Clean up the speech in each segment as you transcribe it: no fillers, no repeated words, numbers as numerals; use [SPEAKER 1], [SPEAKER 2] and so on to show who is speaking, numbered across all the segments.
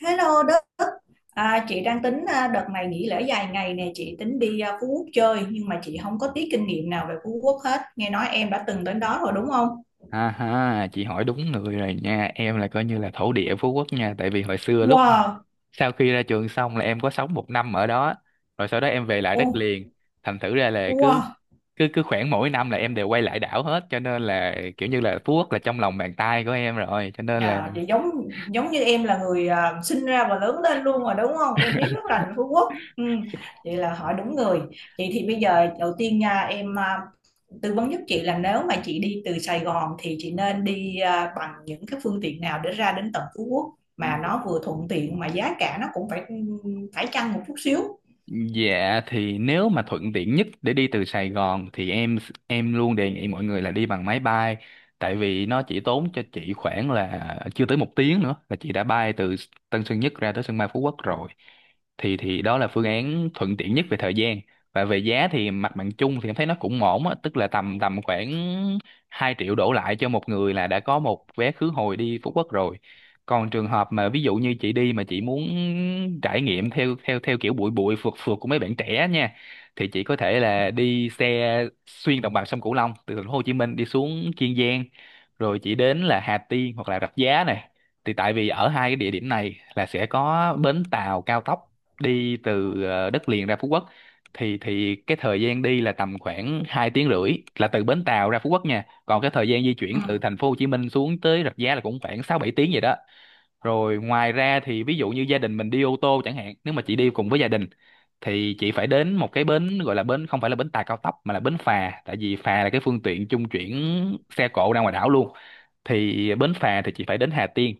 [SPEAKER 1] Hello Đức, chị đang tính, đợt này nghỉ lễ dài ngày nè. Chị tính đi, Phú Quốc chơi, nhưng mà chị không có tí kinh nghiệm nào về Phú Quốc hết. Nghe nói em đã từng đến đó rồi đúng không?
[SPEAKER 2] Ha ha Chị hỏi đúng người rồi nha, em là coi như là thổ địa Phú Quốc nha, tại vì hồi xưa lúc
[SPEAKER 1] Wow.
[SPEAKER 2] sau khi ra trường xong là em có sống một năm ở đó, rồi sau đó em về lại đất
[SPEAKER 1] Oh.
[SPEAKER 2] liền. Thành thử ra là cứ
[SPEAKER 1] Wow.
[SPEAKER 2] cứ cứ khoảng mỗi năm là em đều quay lại đảo hết, cho nên là kiểu như là Phú Quốc là trong lòng bàn tay của em rồi, cho nên là
[SPEAKER 1] À, vậy giống giống như em là người, sinh ra và lớn lên luôn rồi đúng không? Em biết rất là Phú Quốc. Ừ, vậy là hỏi đúng người. Vậy thì bây giờ đầu tiên nha em, tư vấn giúp chị là nếu mà chị đi từ Sài Gòn thì chị nên đi, bằng những cái phương tiện nào để ra đến tận Phú Quốc mà nó vừa thuận tiện mà giá cả nó cũng phải phải chăng một chút xíu.
[SPEAKER 2] Dạ thì nếu mà thuận tiện nhất để đi từ Sài Gòn thì em luôn đề nghị mọi người là đi bằng máy bay, tại vì nó chỉ tốn cho chị khoảng là chưa tới 1 tiếng nữa là chị đã bay từ Tân Sơn Nhất ra tới sân bay Phú Quốc rồi. Thì đó là phương án thuận tiện nhất về thời gian. Và về giá thì mặt bằng chung thì em thấy nó cũng ổn á, tức là tầm tầm khoảng 2 triệu đổ lại cho một người là đã có một vé khứ hồi đi Phú Quốc rồi. Còn trường hợp mà ví dụ như chị đi mà chị muốn trải nghiệm theo theo theo kiểu bụi bụi phượt phượt của mấy bạn trẻ nha, thì chị có thể
[SPEAKER 1] Ừ.
[SPEAKER 2] là đi xe xuyên đồng bằng sông Cửu Long từ thành phố Hồ Chí Minh đi xuống Kiên Giang, rồi chị đến là Hà Tiên hoặc là Rạch Giá này. Thì tại vì ở hai cái địa điểm này là sẽ có bến tàu cao tốc đi từ đất liền ra Phú Quốc. Thì cái thời gian đi là tầm khoảng 2 tiếng rưỡi là từ bến tàu ra Phú Quốc nha. Còn cái thời gian di
[SPEAKER 1] Ừ.
[SPEAKER 2] chuyển từ thành phố Hồ Chí Minh xuống tới Rạch Giá là cũng khoảng 6-7 tiếng vậy đó. Rồi ngoài ra thì ví dụ như gia đình mình đi ô tô chẳng hạn, nếu mà chị đi cùng với gia đình thì chị phải đến một cái bến, gọi là bến không phải là bến tàu cao tốc mà là bến phà, tại vì phà là cái phương tiện trung chuyển xe cộ ra ngoài đảo luôn. Thì bến phà thì chị phải đến Hà Tiên,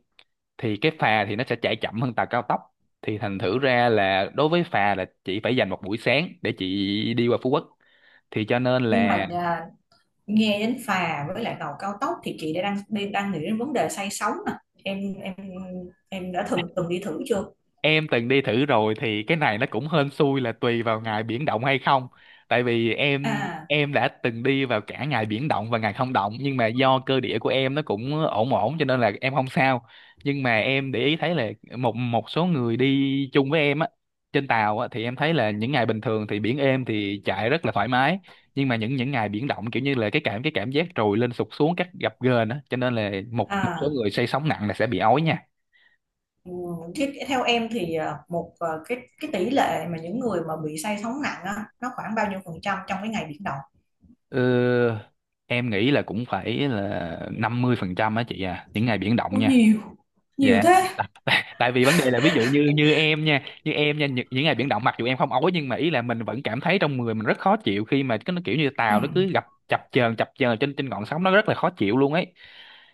[SPEAKER 2] thì cái phà thì nó sẽ chạy chậm hơn tàu cao tốc. Thì thành thử ra là đối với phà là chị phải dành một buổi sáng để chị đi qua Phú Quốc. Thì cho nên
[SPEAKER 1] Nhưng
[SPEAKER 2] là
[SPEAKER 1] mà, nghe đến phà với lại tàu cao tốc thì chị đã đang nghĩ đến vấn đề say sóng nè. em em em đã từng từng đi thử chưa?
[SPEAKER 2] em từng đi thử rồi, thì cái này nó cũng hên xui là tùy vào ngày biển động hay không. Tại vì em
[SPEAKER 1] À.
[SPEAKER 2] em đã từng đi vào cả ngày biển động và ngày không động, nhưng mà do cơ địa của em nó cũng ổn ổn cho nên là em không sao. Nhưng mà em để ý thấy là một một số người đi chung với em á, trên tàu á, thì em thấy là những ngày bình thường thì biển êm thì chạy rất là thoải mái. Nhưng mà những ngày biển động kiểu như là cái cảm giác trồi lên sụt xuống các gập ghềnh á, cho nên là một một số
[SPEAKER 1] À.
[SPEAKER 2] người say sóng nặng là sẽ bị ói nha.
[SPEAKER 1] Ừ, thế theo em thì, một, cái tỷ lệ mà những người mà bị say sóng nặng á, nó khoảng bao nhiêu phần trăm trong cái ngày biển động?
[SPEAKER 2] Ờ, em nghĩ là cũng phải là 50% á chị à, những ngày biển động
[SPEAKER 1] Ủa,
[SPEAKER 2] nha.
[SPEAKER 1] nhiều, nhiều
[SPEAKER 2] Dạ.
[SPEAKER 1] thế?
[SPEAKER 2] Tại Tại vì vấn đề là ví dụ như như em nha, những ngày biển động mặc dù em không ói, nhưng mà ý là mình vẫn cảm thấy trong người mình rất khó chịu khi mà cái nó kiểu như
[SPEAKER 1] Ừ.
[SPEAKER 2] tàu nó cứ gặp chập chờn trên trên ngọn sóng nó rất là khó chịu luôn ấy.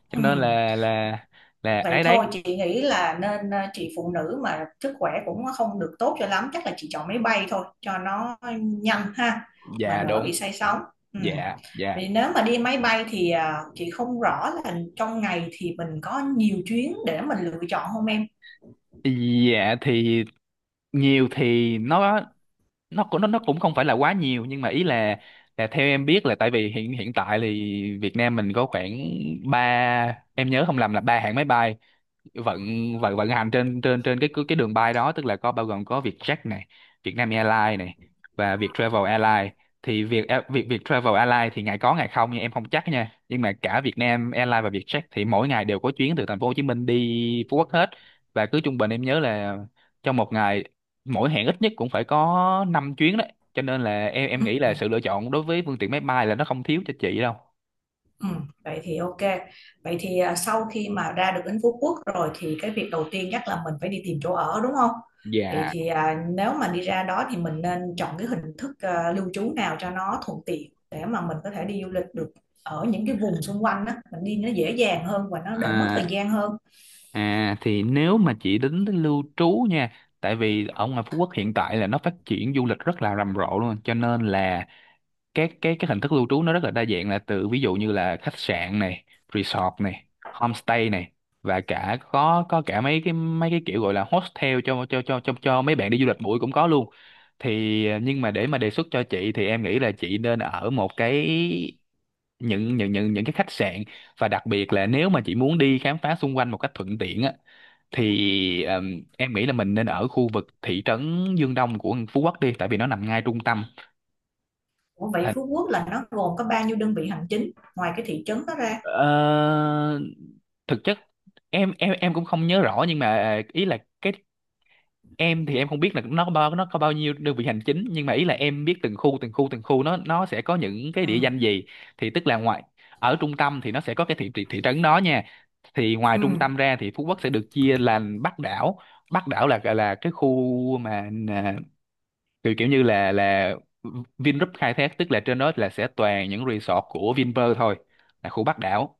[SPEAKER 2] Cho
[SPEAKER 1] Ừ.
[SPEAKER 2] nên là
[SPEAKER 1] Vậy
[SPEAKER 2] đấy đấy.
[SPEAKER 1] thôi chị nghĩ là nên, chị phụ nữ mà sức khỏe cũng không được tốt cho lắm, chắc là chị chọn máy bay thôi cho nó nhanh ha, mà
[SPEAKER 2] Dạ
[SPEAKER 1] đỡ
[SPEAKER 2] đúng.
[SPEAKER 1] bị say sóng. Ừ.
[SPEAKER 2] Dạ dạ.
[SPEAKER 1] Vì nếu mà đi máy bay thì, chị không rõ là trong ngày thì mình có nhiều chuyến để mình lựa chọn không em?
[SPEAKER 2] Dạ thì nhiều thì nó cũng cũng không phải là quá nhiều, nhưng mà ý là theo em biết là tại vì hiện hiện tại thì Việt Nam mình có khoảng ba, em nhớ không lầm là ba hãng máy bay vận vận vận hành trên trên trên cái đường bay đó, tức là có bao gồm có Vietjet này, Vietnam Airlines này và Vietravel Airlines. Thì việc việc Vietravel Airlines thì ngày có ngày không, nhưng em không chắc nha, nhưng mà cả Vietnam Airlines và Vietjet thì mỗi ngày đều có chuyến từ thành phố Hồ Chí Minh đi Phú Quốc hết. Và cứ trung bình em nhớ là trong một ngày mỗi hẹn ít nhất cũng phải có 5 chuyến đấy, cho nên là em nghĩ là
[SPEAKER 1] Ừ.
[SPEAKER 2] sự lựa chọn đối với phương tiện máy bay là nó không thiếu cho chị đâu.
[SPEAKER 1] Ừ, vậy thì ok. Vậy thì, sau khi mà ra được đến Phú Quốc rồi thì cái việc đầu tiên chắc là mình phải đi tìm chỗ ở đúng không? Vậy
[SPEAKER 2] Dạ.
[SPEAKER 1] thì, nếu mà đi ra đó thì mình nên chọn cái hình thức, lưu trú nào cho nó thuận tiện để mà mình có thể đi du lịch được ở những cái vùng xung quanh đó, mình đi nó dễ dàng hơn và nó đỡ mất thời
[SPEAKER 2] à,
[SPEAKER 1] gian hơn.
[SPEAKER 2] À thì nếu mà chị tính tới lưu trú nha, tại vì ở ngoài Phú Quốc hiện tại là nó phát triển du lịch rất là rầm rộ luôn, cho nên là các cái hình thức lưu trú nó rất là đa dạng, là từ ví dụ như là khách sạn này, resort này, homestay này, và cả có cả mấy cái kiểu gọi là hostel cho mấy bạn đi du lịch bụi cũng có luôn. Thì nhưng mà để mà đề xuất cho chị thì em nghĩ là chị nên ở một cái những cái khách sạn, và đặc biệt là nếu mà chị muốn đi khám phá xung quanh một cách thuận tiện á, thì em nghĩ là mình nên ở khu vực thị trấn Dương Đông của Phú Quốc đi, tại vì nó nằm ngay trung tâm.
[SPEAKER 1] Ủa vậy
[SPEAKER 2] À,
[SPEAKER 1] Phú Quốc là nó gồm có bao nhiêu đơn vị hành chính ngoài cái thị trấn đó ra?
[SPEAKER 2] Ờ, thực chất em cũng không nhớ rõ, nhưng mà ý là cái em thì em không biết là nó có bao nhiêu đơn vị hành chính, nhưng mà ý là em biết từng khu nó sẽ có những cái
[SPEAKER 1] Ừ.
[SPEAKER 2] địa danh gì. Thì tức là ngoài ở trung tâm thì nó sẽ có cái thị thị, thị trấn đó nha. Thì ngoài
[SPEAKER 1] Ừ.
[SPEAKER 2] trung tâm ra thì Phú Quốc sẽ được chia làm Bắc đảo. Bắc đảo là cái khu mà kiểu kiểu như là Vingroup khai thác, tức là trên đó là sẽ toàn những resort của Vinpearl thôi, là khu Bắc đảo.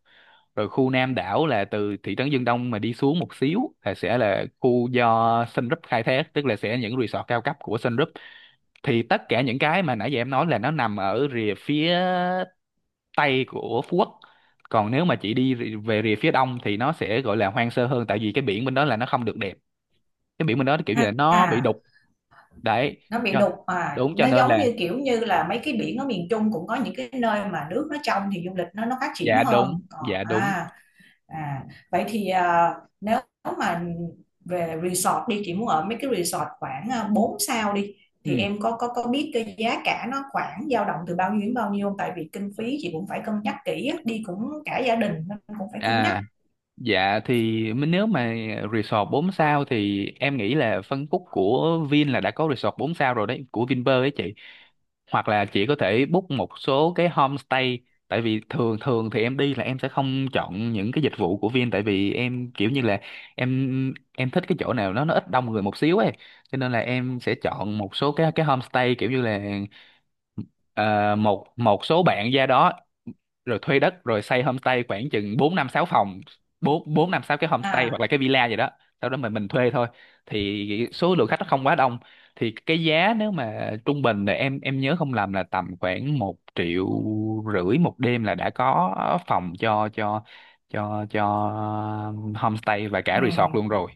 [SPEAKER 2] Rồi khu Nam đảo là từ thị trấn Dương Đông mà đi xuống một xíu là sẽ là khu do Sun Group khai thác, tức là sẽ những resort cao cấp của Sun Group. Thì tất cả những cái mà nãy giờ em nói là nó nằm ở rìa phía tây của Phú Quốc. Còn nếu mà chị đi về rìa phía đông thì nó sẽ gọi là hoang sơ hơn, tại vì cái biển bên đó là nó không được đẹp, cái biển bên đó kiểu như là nó bị
[SPEAKER 1] À.
[SPEAKER 2] đục đấy.
[SPEAKER 1] Nó bị
[SPEAKER 2] cho-
[SPEAKER 1] đục mà
[SPEAKER 2] Đúng, cho
[SPEAKER 1] nó
[SPEAKER 2] nên
[SPEAKER 1] giống
[SPEAKER 2] là
[SPEAKER 1] như kiểu như là mấy cái biển ở miền Trung, cũng có những cái nơi mà nước nó trong thì du lịch nó phát triển
[SPEAKER 2] dạ
[SPEAKER 1] hơn,
[SPEAKER 2] đúng,
[SPEAKER 1] còn
[SPEAKER 2] dạ đúng.
[SPEAKER 1] à. À vậy thì, nếu mà về resort đi, chị muốn ở mấy cái resort khoảng, 4 sao đi,
[SPEAKER 2] Ừ.
[SPEAKER 1] thì em có biết cái giá cả nó khoảng dao động từ bao nhiêu đến bao nhiêu không? Tại vì kinh phí chị cũng phải cân nhắc kỹ á, đi cũng cả gia đình nên cũng phải cân nhắc.
[SPEAKER 2] À. Dạ thì nếu mà resort 4 sao thì em nghĩ là phân khúc của Vin là đã có resort 4 sao rồi đấy, của Vinpearl ấy chị. Hoặc là chị có thể book một số cái homestay, tại vì thường thường thì em đi là em sẽ không chọn những cái dịch vụ của Vin, tại vì em kiểu như là em thích cái chỗ nào nó ít đông người một xíu ấy. Cho nên là em sẽ chọn một số cái homestay kiểu như là ờ, một một số bạn ra đó, rồi thuê đất rồi xây homestay khoảng chừng bốn năm sáu phòng, bốn bốn năm sáu cái homestay hoặc
[SPEAKER 1] À.
[SPEAKER 2] là cái villa gì đó, sau đó mình thuê thôi, thì số lượng khách nó không quá đông. Thì cái giá nếu mà trung bình là em nhớ không lầm là tầm khoảng 1,5 triệu một đêm là đã có phòng cho homestay và
[SPEAKER 1] Ừ.
[SPEAKER 2] cả resort luôn rồi.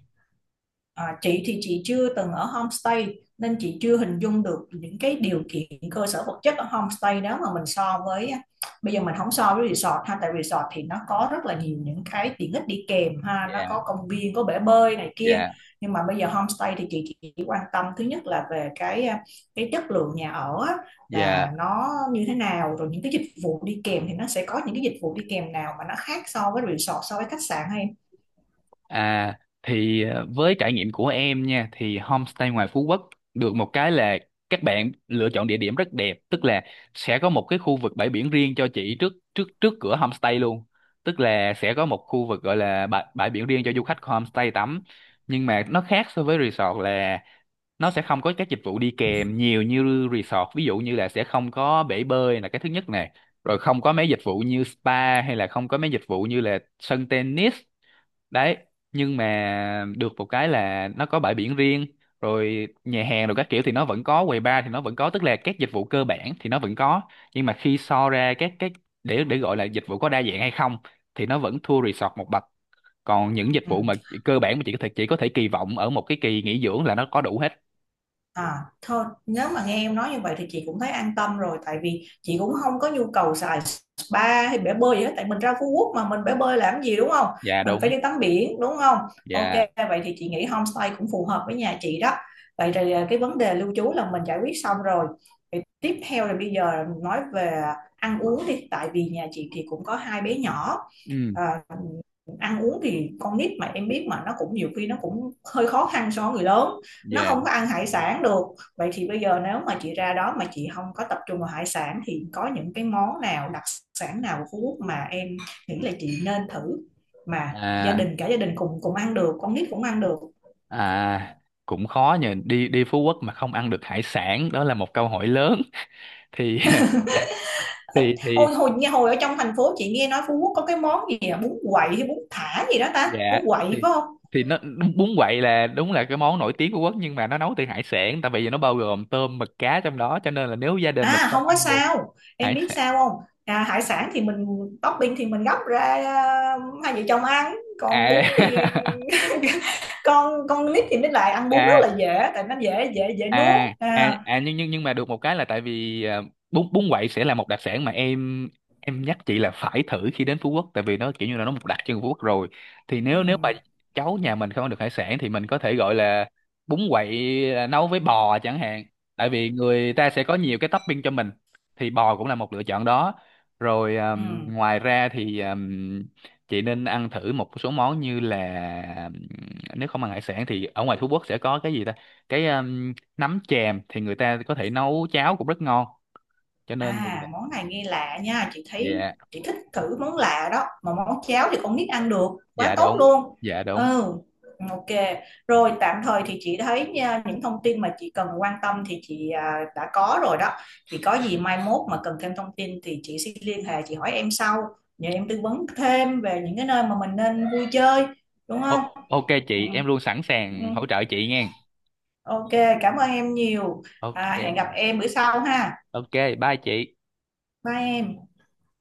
[SPEAKER 1] À, chị thì chị chưa từng ở homestay nên chị chưa hình dung được những cái điều kiện cơ sở vật chất ở homestay đó, mà mình so với, bây giờ mình không so với resort ha, tại resort thì nó có rất là nhiều những cái tiện ích đi kèm ha, nó
[SPEAKER 2] Dạ.
[SPEAKER 1] có công viên, có bể bơi này kia.
[SPEAKER 2] Dạ.
[SPEAKER 1] Nhưng mà bây giờ homestay thì chị chỉ quan tâm thứ nhất là về cái, cái chất lượng nhà ở á,
[SPEAKER 2] Dạ.
[SPEAKER 1] là nó như thế nào. Rồi những cái dịch vụ đi kèm thì nó sẽ có những cái dịch vụ đi kèm nào mà nó khác so với resort, so với khách sạn hay?
[SPEAKER 2] À thì với trải nghiệm của em nha, thì homestay ngoài Phú Quốc được một cái là các bạn lựa chọn địa điểm rất đẹp, tức là sẽ có một cái khu vực bãi biển riêng cho chị trước trước trước cửa homestay luôn. Tức là sẽ có một khu vực gọi là bãi biển riêng cho du khách của homestay tắm. Nhưng mà nó khác so với resort là nó sẽ không có các dịch vụ đi kèm nhiều như resort, ví dụ như là sẽ không có bể bơi là cái thứ nhất nè, rồi không có mấy dịch vụ như spa, hay là không có mấy dịch vụ như là sân tennis đấy. Nhưng mà được một cái là nó có bãi biển riêng, rồi nhà hàng rồi các kiểu thì nó vẫn có, quầy bar thì nó vẫn có, tức là các dịch vụ cơ bản thì nó vẫn có. Nhưng mà khi so ra các cái, để gọi là dịch vụ có đa dạng hay không, thì nó vẫn thua resort một bậc. Còn những dịch
[SPEAKER 1] Ừ.
[SPEAKER 2] vụ mà cơ bản mà chỉ có thể kỳ vọng ở một cái kỳ nghỉ dưỡng là nó có đủ hết.
[SPEAKER 1] À, thôi nếu mà nghe em nói như vậy thì chị cũng thấy an tâm rồi, tại vì chị cũng không có nhu cầu xài spa hay bể bơi gì hết. Tại mình ra Phú Quốc mà mình bể bơi làm gì đúng không,
[SPEAKER 2] Dạ
[SPEAKER 1] mình
[SPEAKER 2] đúng.
[SPEAKER 1] phải đi tắm biển đúng không. Ok,
[SPEAKER 2] Dạ.
[SPEAKER 1] vậy thì chị nghĩ homestay cũng phù hợp với nhà chị đó. Vậy thì, cái vấn đề lưu trú là mình giải quyết xong rồi. Vậy tiếp theo là bây giờ nói về ăn uống đi, tại vì nhà chị thì cũng có hai bé nhỏ.
[SPEAKER 2] Ừ.
[SPEAKER 1] à, Ăn uống thì con nít mà em biết mà, nó cũng nhiều khi nó cũng hơi khó khăn so với người lớn, nó
[SPEAKER 2] Dạ.
[SPEAKER 1] không có ăn hải sản được. Vậy thì bây giờ nếu mà chị ra đó mà chị không có tập trung vào hải sản thì có những cái món nào đặc sản nào của Phú Quốc mà em nghĩ là chị nên thử, mà gia
[SPEAKER 2] à
[SPEAKER 1] đình cả gia đình cùng cùng ăn được, con nít cũng ăn được?
[SPEAKER 2] à Cũng khó nhờ, đi đi Phú Quốc mà không ăn được hải sản, đó là một câu hỏi lớn. thì
[SPEAKER 1] Ít-
[SPEAKER 2] thì
[SPEAKER 1] Ôi hồi nghe, hồi ở trong thành phố chị nghe nói Phú Quốc có cái món gì à? Bún quậy hay bún thả gì đó ta,
[SPEAKER 2] Dạ
[SPEAKER 1] bún quậy
[SPEAKER 2] thì
[SPEAKER 1] phải không?
[SPEAKER 2] nó đúng, bún quậy là đúng là cái món nổi tiếng của Quốc, nhưng mà nó nấu từ hải sản, tại vì nó bao gồm tôm mực cá trong đó, cho nên là nếu gia đình mình
[SPEAKER 1] À
[SPEAKER 2] không
[SPEAKER 1] không có
[SPEAKER 2] ăn được
[SPEAKER 1] sao. Em
[SPEAKER 2] hải
[SPEAKER 1] biết
[SPEAKER 2] sản.
[SPEAKER 1] sao không, hải sản thì mình topping thì mình gấp ra, hai vợ chồng ăn. Còn bún thì
[SPEAKER 2] à,
[SPEAKER 1] con nít thì mới lại ăn bún rất
[SPEAKER 2] à
[SPEAKER 1] là dễ, tại nó dễ dễ dễ nuốt. À.
[SPEAKER 2] À, nhưng mà được một cái là tại vì bún bún quậy sẽ là một đặc sản mà em nhắc chị là phải thử khi đến Phú Quốc, tại vì nó kiểu như là nó một đặc trưng của Phú Quốc rồi. Thì
[SPEAKER 1] Ừ.
[SPEAKER 2] nếu nếu mà cháu nhà mình không ăn được hải sản thì mình có thể gọi là bún quậy, nấu với bò chẳng hạn, tại vì người ta sẽ có nhiều cái topping cho mình, thì bò cũng là một lựa chọn đó. Rồi
[SPEAKER 1] Ừ.
[SPEAKER 2] ngoài ra thì chị nên ăn thử một số món như là, nếu không ăn hải sản thì ở ngoài Phú Quốc sẽ có cái gì ta, cái nấm chèm thì người ta có thể nấu cháo cũng rất ngon, cho nên. Ừ.
[SPEAKER 1] À, món này nghe lạ nha, chị thấy
[SPEAKER 2] Dạ.
[SPEAKER 1] chị thích thử món lạ đó, mà món cháo thì con nít ăn được, quá
[SPEAKER 2] Dạ
[SPEAKER 1] tốt
[SPEAKER 2] đúng.
[SPEAKER 1] luôn.
[SPEAKER 2] Dạ đúng.
[SPEAKER 1] Ừ, ok. Rồi tạm thời thì chị thấy nha, những thông tin mà chị cần quan tâm thì chị, đã có rồi đó. Thì có gì mai mốt mà cần thêm thông tin thì chị sẽ liên hệ chị hỏi em sau, nhờ em tư vấn thêm về những cái nơi mà mình nên vui chơi, đúng không?
[SPEAKER 2] Ô, ok
[SPEAKER 1] Ừ,
[SPEAKER 2] chị, em luôn sẵn
[SPEAKER 1] ừ.
[SPEAKER 2] sàng hỗ trợ chị nha.
[SPEAKER 1] Ok, cảm ơn em nhiều.
[SPEAKER 2] Ok.
[SPEAKER 1] À, hẹn gặp em bữa sau ha.
[SPEAKER 2] Ok. Bye chị.
[SPEAKER 1] Bye em.